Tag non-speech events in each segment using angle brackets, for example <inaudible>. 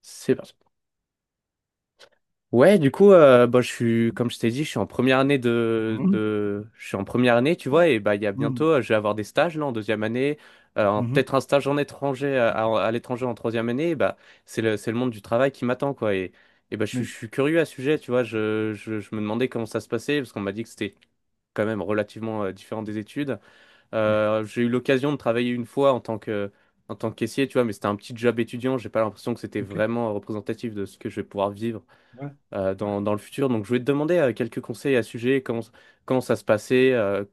C'est parti. Ouais, du coup, bah, je suis, comme je t'ai dit, je suis en première année Mhm, tu vois, et bah, il y a bientôt, mhm, je vais avoir des stages, là, en deuxième année, mhm. peut-être un stage en étranger, à l'étranger en troisième année, et bah, c'est le monde du travail qui m'attend, quoi, et bah, je Oui, suis curieux à ce sujet, tu vois, je me demandais comment ça se passait, parce qu'on m'a dit que c'était quand même relativement différent des études. oui, J'ai eu l'occasion de travailler une fois en tant que caissier, tu vois, mais c'était un petit job étudiant. J'ai pas l'impression que c'était ok. vraiment représentatif de ce que je vais pouvoir vivre Ouais, ouais, dans le futur. Donc, je voulais te demander quelques conseils à ce sujet, comment ça se passait,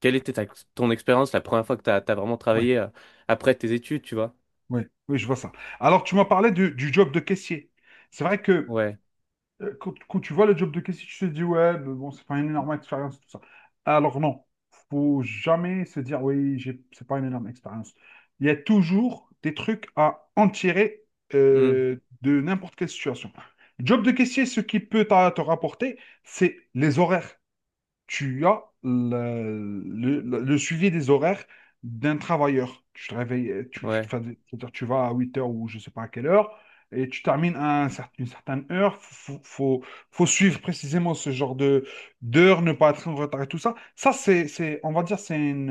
quelle était ton expérience la première fois que tu as vraiment ouais, travaillé après tes études, tu vois? ouais, oui, je vois ça. Alors, tu m'as parlé du job de caissier. C'est vrai que Ouais. Quand tu vois le job de caissier, tu te dis, ouais, mais bon, c'est pas une énorme expérience, tout ça. Alors, non, faut jamais se dire, oui, c'est pas une énorme expérience. Il y a toujours des trucs à en tirer Hmm. De n'importe quelle situation. Job de caissier, ce qui peut te rapporter, c'est les horaires. Tu as le suivi des horaires d'un travailleur. Tu te réveilles, Ouais, enfin, c'est-à-dire tu vas à 8 heures ou je ne sais pas à quelle heure, et tu termines à une certaine heure. Faut suivre précisément ce genre de d'heures, ne pas être en retard et tout ça. Ça, on va dire, c'est une,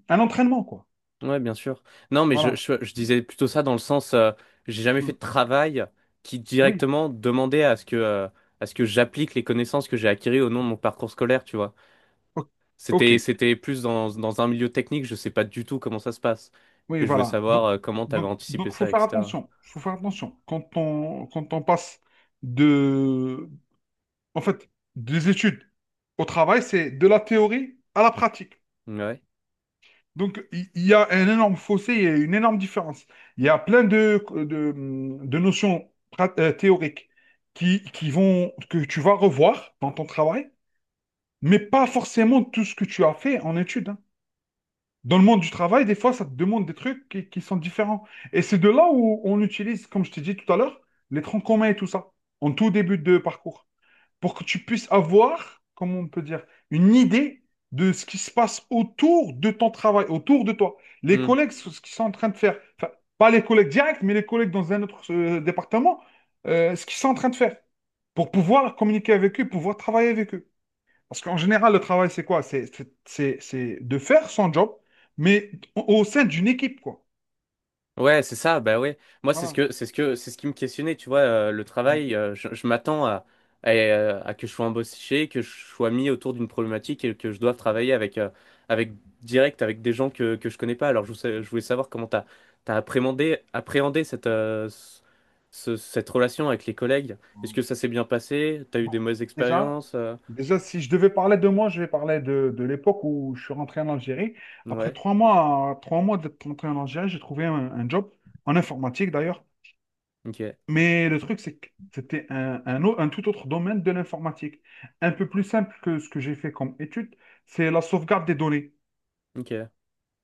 euh, un entraînement, quoi. ouais, bien sûr. Non, mais Voilà. Je disais plutôt ça dans le sens, j'ai jamais fait Mm. de travail qui Oui. directement demandait à ce que j'applique les connaissances que j'ai acquises au nom de mon parcours scolaire, tu vois. O- OK. C'était plus dans un milieu technique, je sais pas du tout comment ça se passe. Oui, Et je voulais voilà. savoir Donc, comment tu avais anticipé faut ça, faire etc. attention. Faut faire attention. Quand on passe de en fait, des études au travail, c'est de la théorie à la pratique. Ouais. Donc, il y a un énorme fossé, il y a une énorme différence. Il y a plein de notions théoriques qui vont, que tu vas revoir dans ton travail, mais pas forcément tout ce que tu as fait en études, hein. Dans le monde du travail, des fois, ça te demande des trucs qui sont différents. Et c'est de là où on utilise, comme je t'ai dit tout à l'heure, les troncs communs et tout ça, en tout début de parcours, pour que tu puisses avoir, comment on peut dire, une idée de ce qui se passe autour de ton travail, autour de toi. Les Mmh. collègues, ce qu'ils sont en train de faire, enfin, pas les collègues directs, mais les collègues dans un autre département, ce qu'ils sont en train de faire, pour pouvoir communiquer avec eux, pouvoir travailler avec eux. Parce qu'en général, le travail, c'est quoi? C'est de faire son job, mais au sein d'une équipe, quoi. Ouais, c'est ça, bah ouais. Moi, Voilà. C'est ce qui me questionnait, tu vois, le travail, je m'attends à que je sois embauché, que je sois mis autour d'une problématique et que je doive travailler avec direct, avec des gens que je connais pas. Alors, je voulais savoir comment t'as appréhendé cette relation avec les collègues. Est-ce que ça s'est bien passé? T'as eu Bon, des mauvaises déjà. expériences? Déjà, si je devais parler de moi, je vais parler de l'époque où je suis rentré en Algérie. Après Ouais, trois mois d'être rentré en Algérie, j'ai trouvé un job en informatique d'ailleurs. ok, Mais le truc, c'est que c'était un tout autre domaine de l'informatique. Un peu plus simple que ce que j'ai fait comme étude, c'est la sauvegarde des données. ok.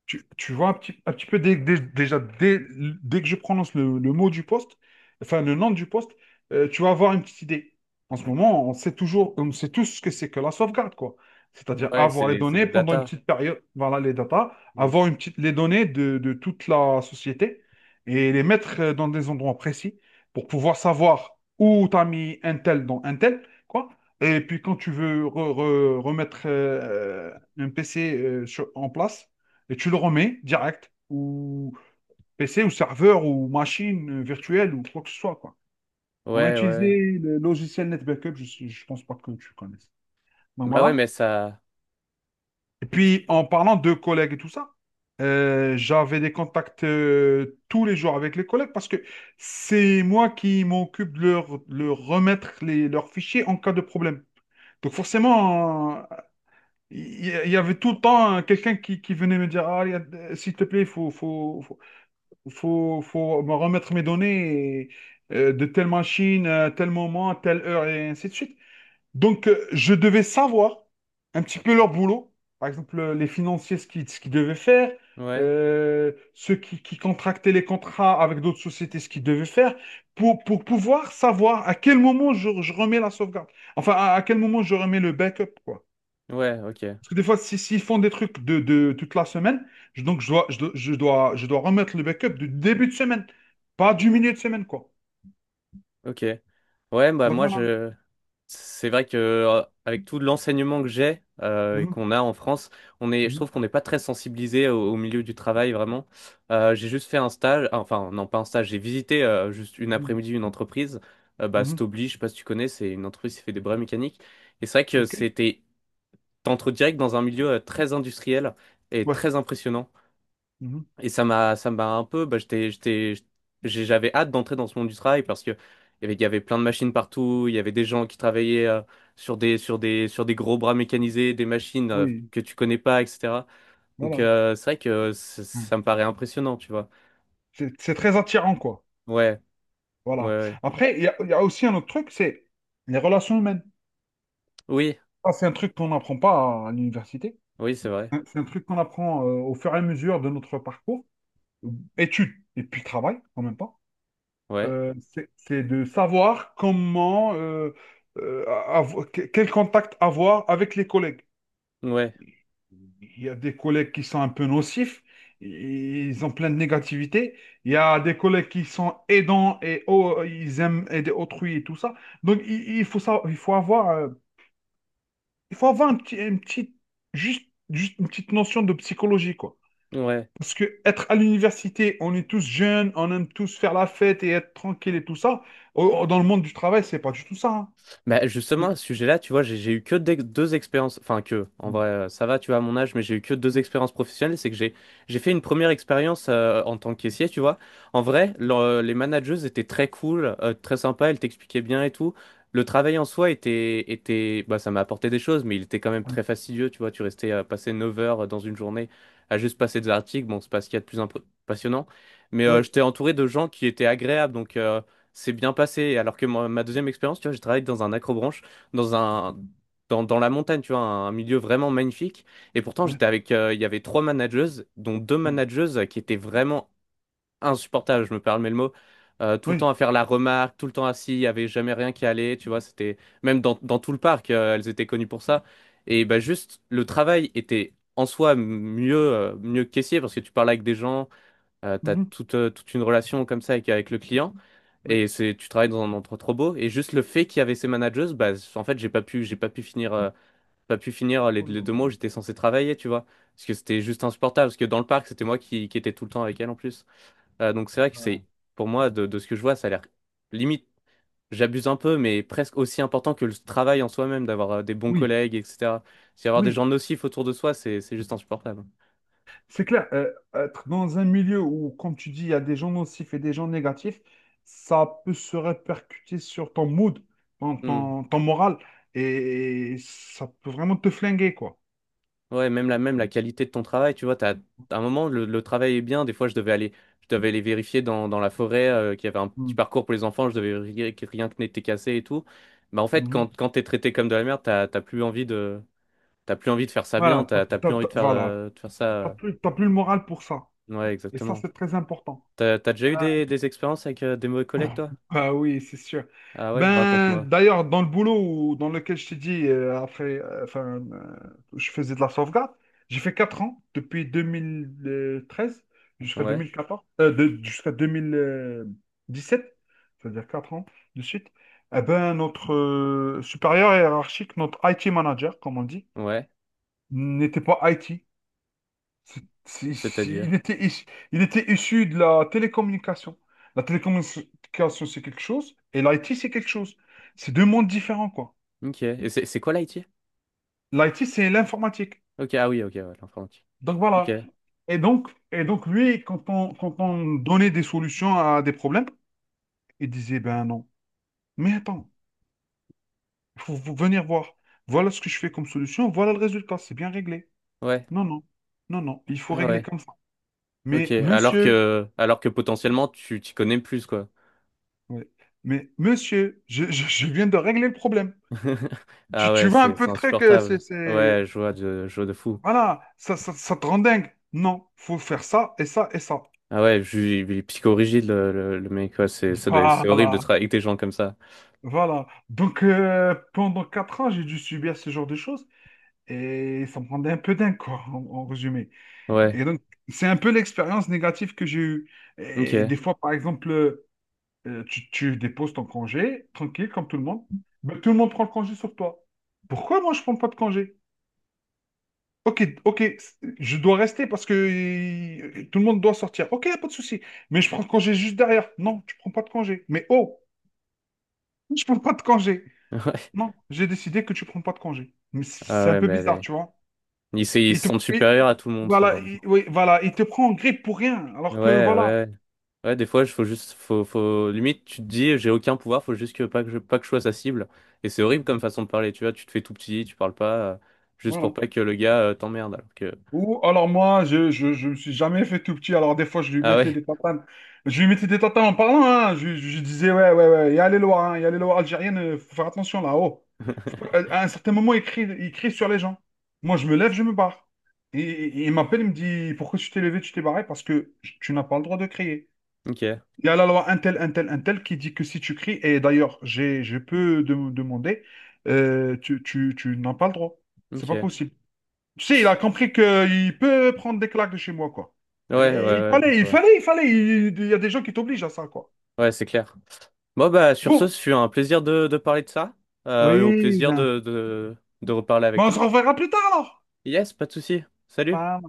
Tu vois un petit peu dès que je prononce le mot du poste, enfin le nom du poste, tu vas avoir une petite idée. En ce moment, on sait tous ce que c'est que la sauvegarde, quoi. C'est-à-dire Ouais, avoir les c'est données des pendant une datas. petite période, voilà les data, avoir Yes. Les données de toute la société, et les mettre dans des endroits précis pour pouvoir savoir où tu as mis un tel dans un tel, quoi. Et puis quand tu veux remettre un PC en place, et tu le remets direct, ou PC, ou serveur, ou machine virtuelle, ou quoi que ce soit, quoi. On a Ouais, ouais. utilisé le logiciel NetBackup, je ne pense pas que tu connaisses. Donc Bah ouais, voilà. mais ça, Et puis, en parlant de collègues et tout ça, j'avais des contacts tous les jours avec les collègues, parce que c'est moi qui m'occupe de leur remettre leurs fichiers en cas de problème. Donc forcément, y avait tout le temps quelqu'un qui venait me dire, ah, s'il te plaît, il faut me remettre mes données de telle machine, à tel moment, telle heure, et ainsi de suite. Donc, je devais savoir un petit peu leur boulot. Par exemple, les financiers, ce qu'ils devaient faire, ouais. Ceux qui contractaient les contrats avec d'autres sociétés, ce qu'ils devaient faire, pour pouvoir savoir à quel moment je remets la sauvegarde. Enfin, à quel moment je remets le backup, quoi. Ouais, ok. Parce que des fois, s'ils font des trucs de toute la semaine, je dois remettre le backup du début de semaine, pas du milieu de semaine, quoi. Ok. Ouais, bah Donc moi voilà. je c'est vrai que avec tout l'enseignement que j'ai et Mhm, qu'on a en France, on est je mhm, trouve qu'on n'est pas très sensibilisé au milieu du travail vraiment. J'ai juste fait un stage, enfin non pas un stage, j'ai visité juste une après-midi une entreprise, bah mhm, mhm. Stobli, je sais pas si tu connais, c'est une entreprise qui fait des bras mécaniques et c'est vrai que OK. c'était t'entres direct dans un milieu très industriel et Ouais. très impressionnant. Mhm. Et ça m'a un peu, bah, j'avais hâte d'entrer dans ce monde du travail parce que il y avait plein de machines partout, il y avait des gens qui travaillaient sur des gros bras mécanisés, des machines Oui, que tu connais pas, etc. Donc voilà. C'est vrai que Ouais. ça me paraît impressionnant, tu vois. C'est très attirant, quoi. Ouais, ouais, Voilà. ouais. Après, il y a, aussi un autre truc, c'est les relations humaines. Oui, Ça, c'est un truc qu'on n'apprend pas à l'université. oui, c'est vrai. Hein, c'est un truc qu'on apprend au fur et à mesure de notre parcours, études et puis travail, en même temps. Ouais, C'est de savoir comment, quel contact avoir avec les collègues. ouais, Il y a des collègues qui sont un peu nocifs, ils ont plein de négativité. Il y a des collègues qui sont aidants et oh, ils aiment aider autrui et tout ça. Donc il faut ça, il faut avoir juste, juste une petite notion de psychologie, quoi. ouais. Parce que être à l'université, on est tous jeunes, on aime tous faire la fête et être tranquille et tout ça. Dans le monde du travail, c'est pas du tout ça, hein. Bah C'est- justement, à ce sujet-là, tu vois, j'ai eu que deux expériences, enfin que, en vrai, ça va, tu vois, à mon âge, mais j'ai eu que deux expériences professionnelles. C'est que j'ai fait une première expérience en tant que caissier, tu vois. En vrai, les manageuses étaient très cool, très sympas, elles t'expliquaient bien et tout. Le travail en soi était, bah ça m'a apporté des choses, mais il était quand même très fastidieux, tu vois. Tu restais passer 9 heures dans une journée à juste passer des articles, bon, c'est pas ce qu'il y a de plus passionnant. Mais Oui, j'étais entouré de gens qui étaient agréables. Donc, c'est bien passé. Alors que moi, ma deuxième expérience, tu vois, j'ai travaillé dans un accrobranche, dans un, dans la montagne, tu vois, un milieu vraiment magnifique. Et pourtant, oui, il y avait trois manageuses, dont deux manageuses qui étaient vraiment insupportables, je me permets le mot. Tout le oui, temps à faire la remarque, tout le temps assis, il n'y avait jamais rien qui allait, tu vois, c'était, même dans tout le parc, elles étaient connues pour ça. Et bah juste, le travail était en soi mieux que caissier parce que tu parles avec des gens, tu as mhm, toute une relation comme ça avec le client. oui. Et tu travailles dans un endroit trop beau. Et juste le fait qu'il y avait ces managers, bah, en fait, j'ai pas pu finir, Ouh là les là. deux mois où j'étais censé travailler, tu vois. Parce que c'était juste insupportable. Parce que dans le parc, c'était moi qui étais tout le temps avec elle en plus. Donc c'est vrai que Voilà. c'est, pour moi, de ce que je vois, ça a l'air limite, j'abuse un peu, mais presque aussi important que le travail en soi-même, d'avoir des bons Oui, collègues, etc. Si avoir des oui, gens nocifs autour de soi, c'est juste insupportable. c'est clair. Être dans un milieu où, comme tu dis, il y a des gens nocifs et des gens négatifs, ça peut se répercuter sur ton mood, Hmm. Ton moral, et ça peut vraiment te flinguer, quoi. Ouais, même la qualité de ton travail, tu vois, à un moment le travail est bien, des fois je devais aller vérifier dans la forêt qu'il y avait un petit Mm. parcours pour les enfants, je devais vérifier que rien que n'était cassé et tout. Bah en fait Mhm. Quand t'es traité comme de la merde, t'as plus envie de faire ça bien, t'as plus envie Voilà, de faire ça. T'as plus le moral pour ça. Ouais, Et ça, exactement. c'est très important. T'as déjà eu Ah, des expériences avec des mauvais collègues <laughs> toi? ah oui, c'est sûr. Ah ouais, Ben, raconte-moi. d'ailleurs, dans le boulot dans lequel je t'ai dit, je faisais de la sauvegarde, j'ai fait 4 ans, depuis 2013 jusqu'à Ouais, 2014, jusqu'à 2017, c'est-à-dire 4 ans de suite. Eh ben, notre supérieur hiérarchique, notre IT manager, comme on dit, ouais, n'était pas IT. Il c'est-à-dire. était, il était issu de la télécommunication. La télécommunication, c'est quelque chose, et l'IT, c'est quelque chose. C'est deux mondes différents, quoi. Ok. Et c'est quoi l'IT? L'IT, c'est l'informatique. Ok, ah oui, ok, ouais, l'informatique. Donc Ok. voilà. Et donc, lui, quand on donnait des solutions à des problèmes, il disait, ben non. Mais attends, il faut vous venir voir. Voilà ce que je fais comme solution, voilà le résultat, c'est bien réglé. Ouais. Non, non, non, non, il faut Ah régler ouais. comme ça. Ok, Mais monsieur, alors que potentiellement tu t'y connais plus, quoi. ouais, mais monsieur, je je viens de régler le problème. <laughs> Ah Tu ouais, vois un peu c'est le truc, insupportable. Ouais, je vois de fou. voilà, ça te rend dingue. Non, faut faire ça et ça et ça. Ah ouais, il est psychorigide, le mec, ouais, c'est, ça doit, être- c'est horrible de Voilà, travailler avec des gens comme ça. voilà. Donc, pendant 4 ans, j'ai dû subir ce genre de choses, et ça me rendait un peu dingue, quoi, en, résumé. Ouais, Et donc, c'est un peu l'expérience négative que j'ai eue. Et ok. des fois, par exemple, tu déposes ton congé, tranquille, comme tout le monde, mais tout le monde prend le congé sur toi. Pourquoi moi, je prends pas de congé? Ok, ok, je dois rester parce que tout le monde doit sortir. Ok, pas de souci. Mais je prends congé juste derrière. Non, tu prends pas de congé. Mais oh, <laughs> je prends pas de congé. <laughs> Ouais. Non, j'ai décidé que tu prends pas de congé. Mais Ah c'est un ouais, peu mais elle bizarre, est- tu vois. Ils Il se te, sentent il- supérieurs à tout le monde, ce voilà, genre de il- gens. oui, voilà, il te prend en grippe pour rien. Ouais, Alors que voilà, ouais. Ouais, des fois, il faut juste, limite, tu te dis, j'ai aucun pouvoir, faut juste que pas que je sois sa cible. Et c'est horrible comme façon de parler, tu vois, tu te fais tout petit, tu parles pas, juste pour voilà. pas que le gars, t'emmerde. Ou alors moi, je me suis jamais fait tout petit. Alors des fois, je lui Ah mettais ouais. des tatanes. Je lui mettais des tatanes en parlant. Hein. Je disais, ouais, ouais, ouais, il y a les lois, hein, il y a les lois algériennes, faut faire attention là-haut. Faut pas- <laughs> À un certain moment, il crie sur les gens. Moi, je me lève, je me barre. Il m'appelle, il me dit, pourquoi tu t'es levé, tu t'es barré? Parce que tu n'as pas le droit de crier. Ok, Il y a la loi un tel, un tel, un tel qui dit que si tu cries, et d'ailleurs, je peux demander, tu n'as pas le droit. C'est ok. pas Ouais, possible. Tu sais, il a compris qu'il peut prendre des claques de chez moi, quoi. ouais, ouais, Et ouais, je vois. Il fallait. Il y a des gens qui t'obligent à ça, quoi. Ouais, c'est clair. Bon, bah, sur ce, Bon, ce fut un plaisir de parler de ça. Et au oui, plaisir ben, de reparler avec ben on se toi. reverra plus tard, alors. Yes, pas de souci. Salut. Pas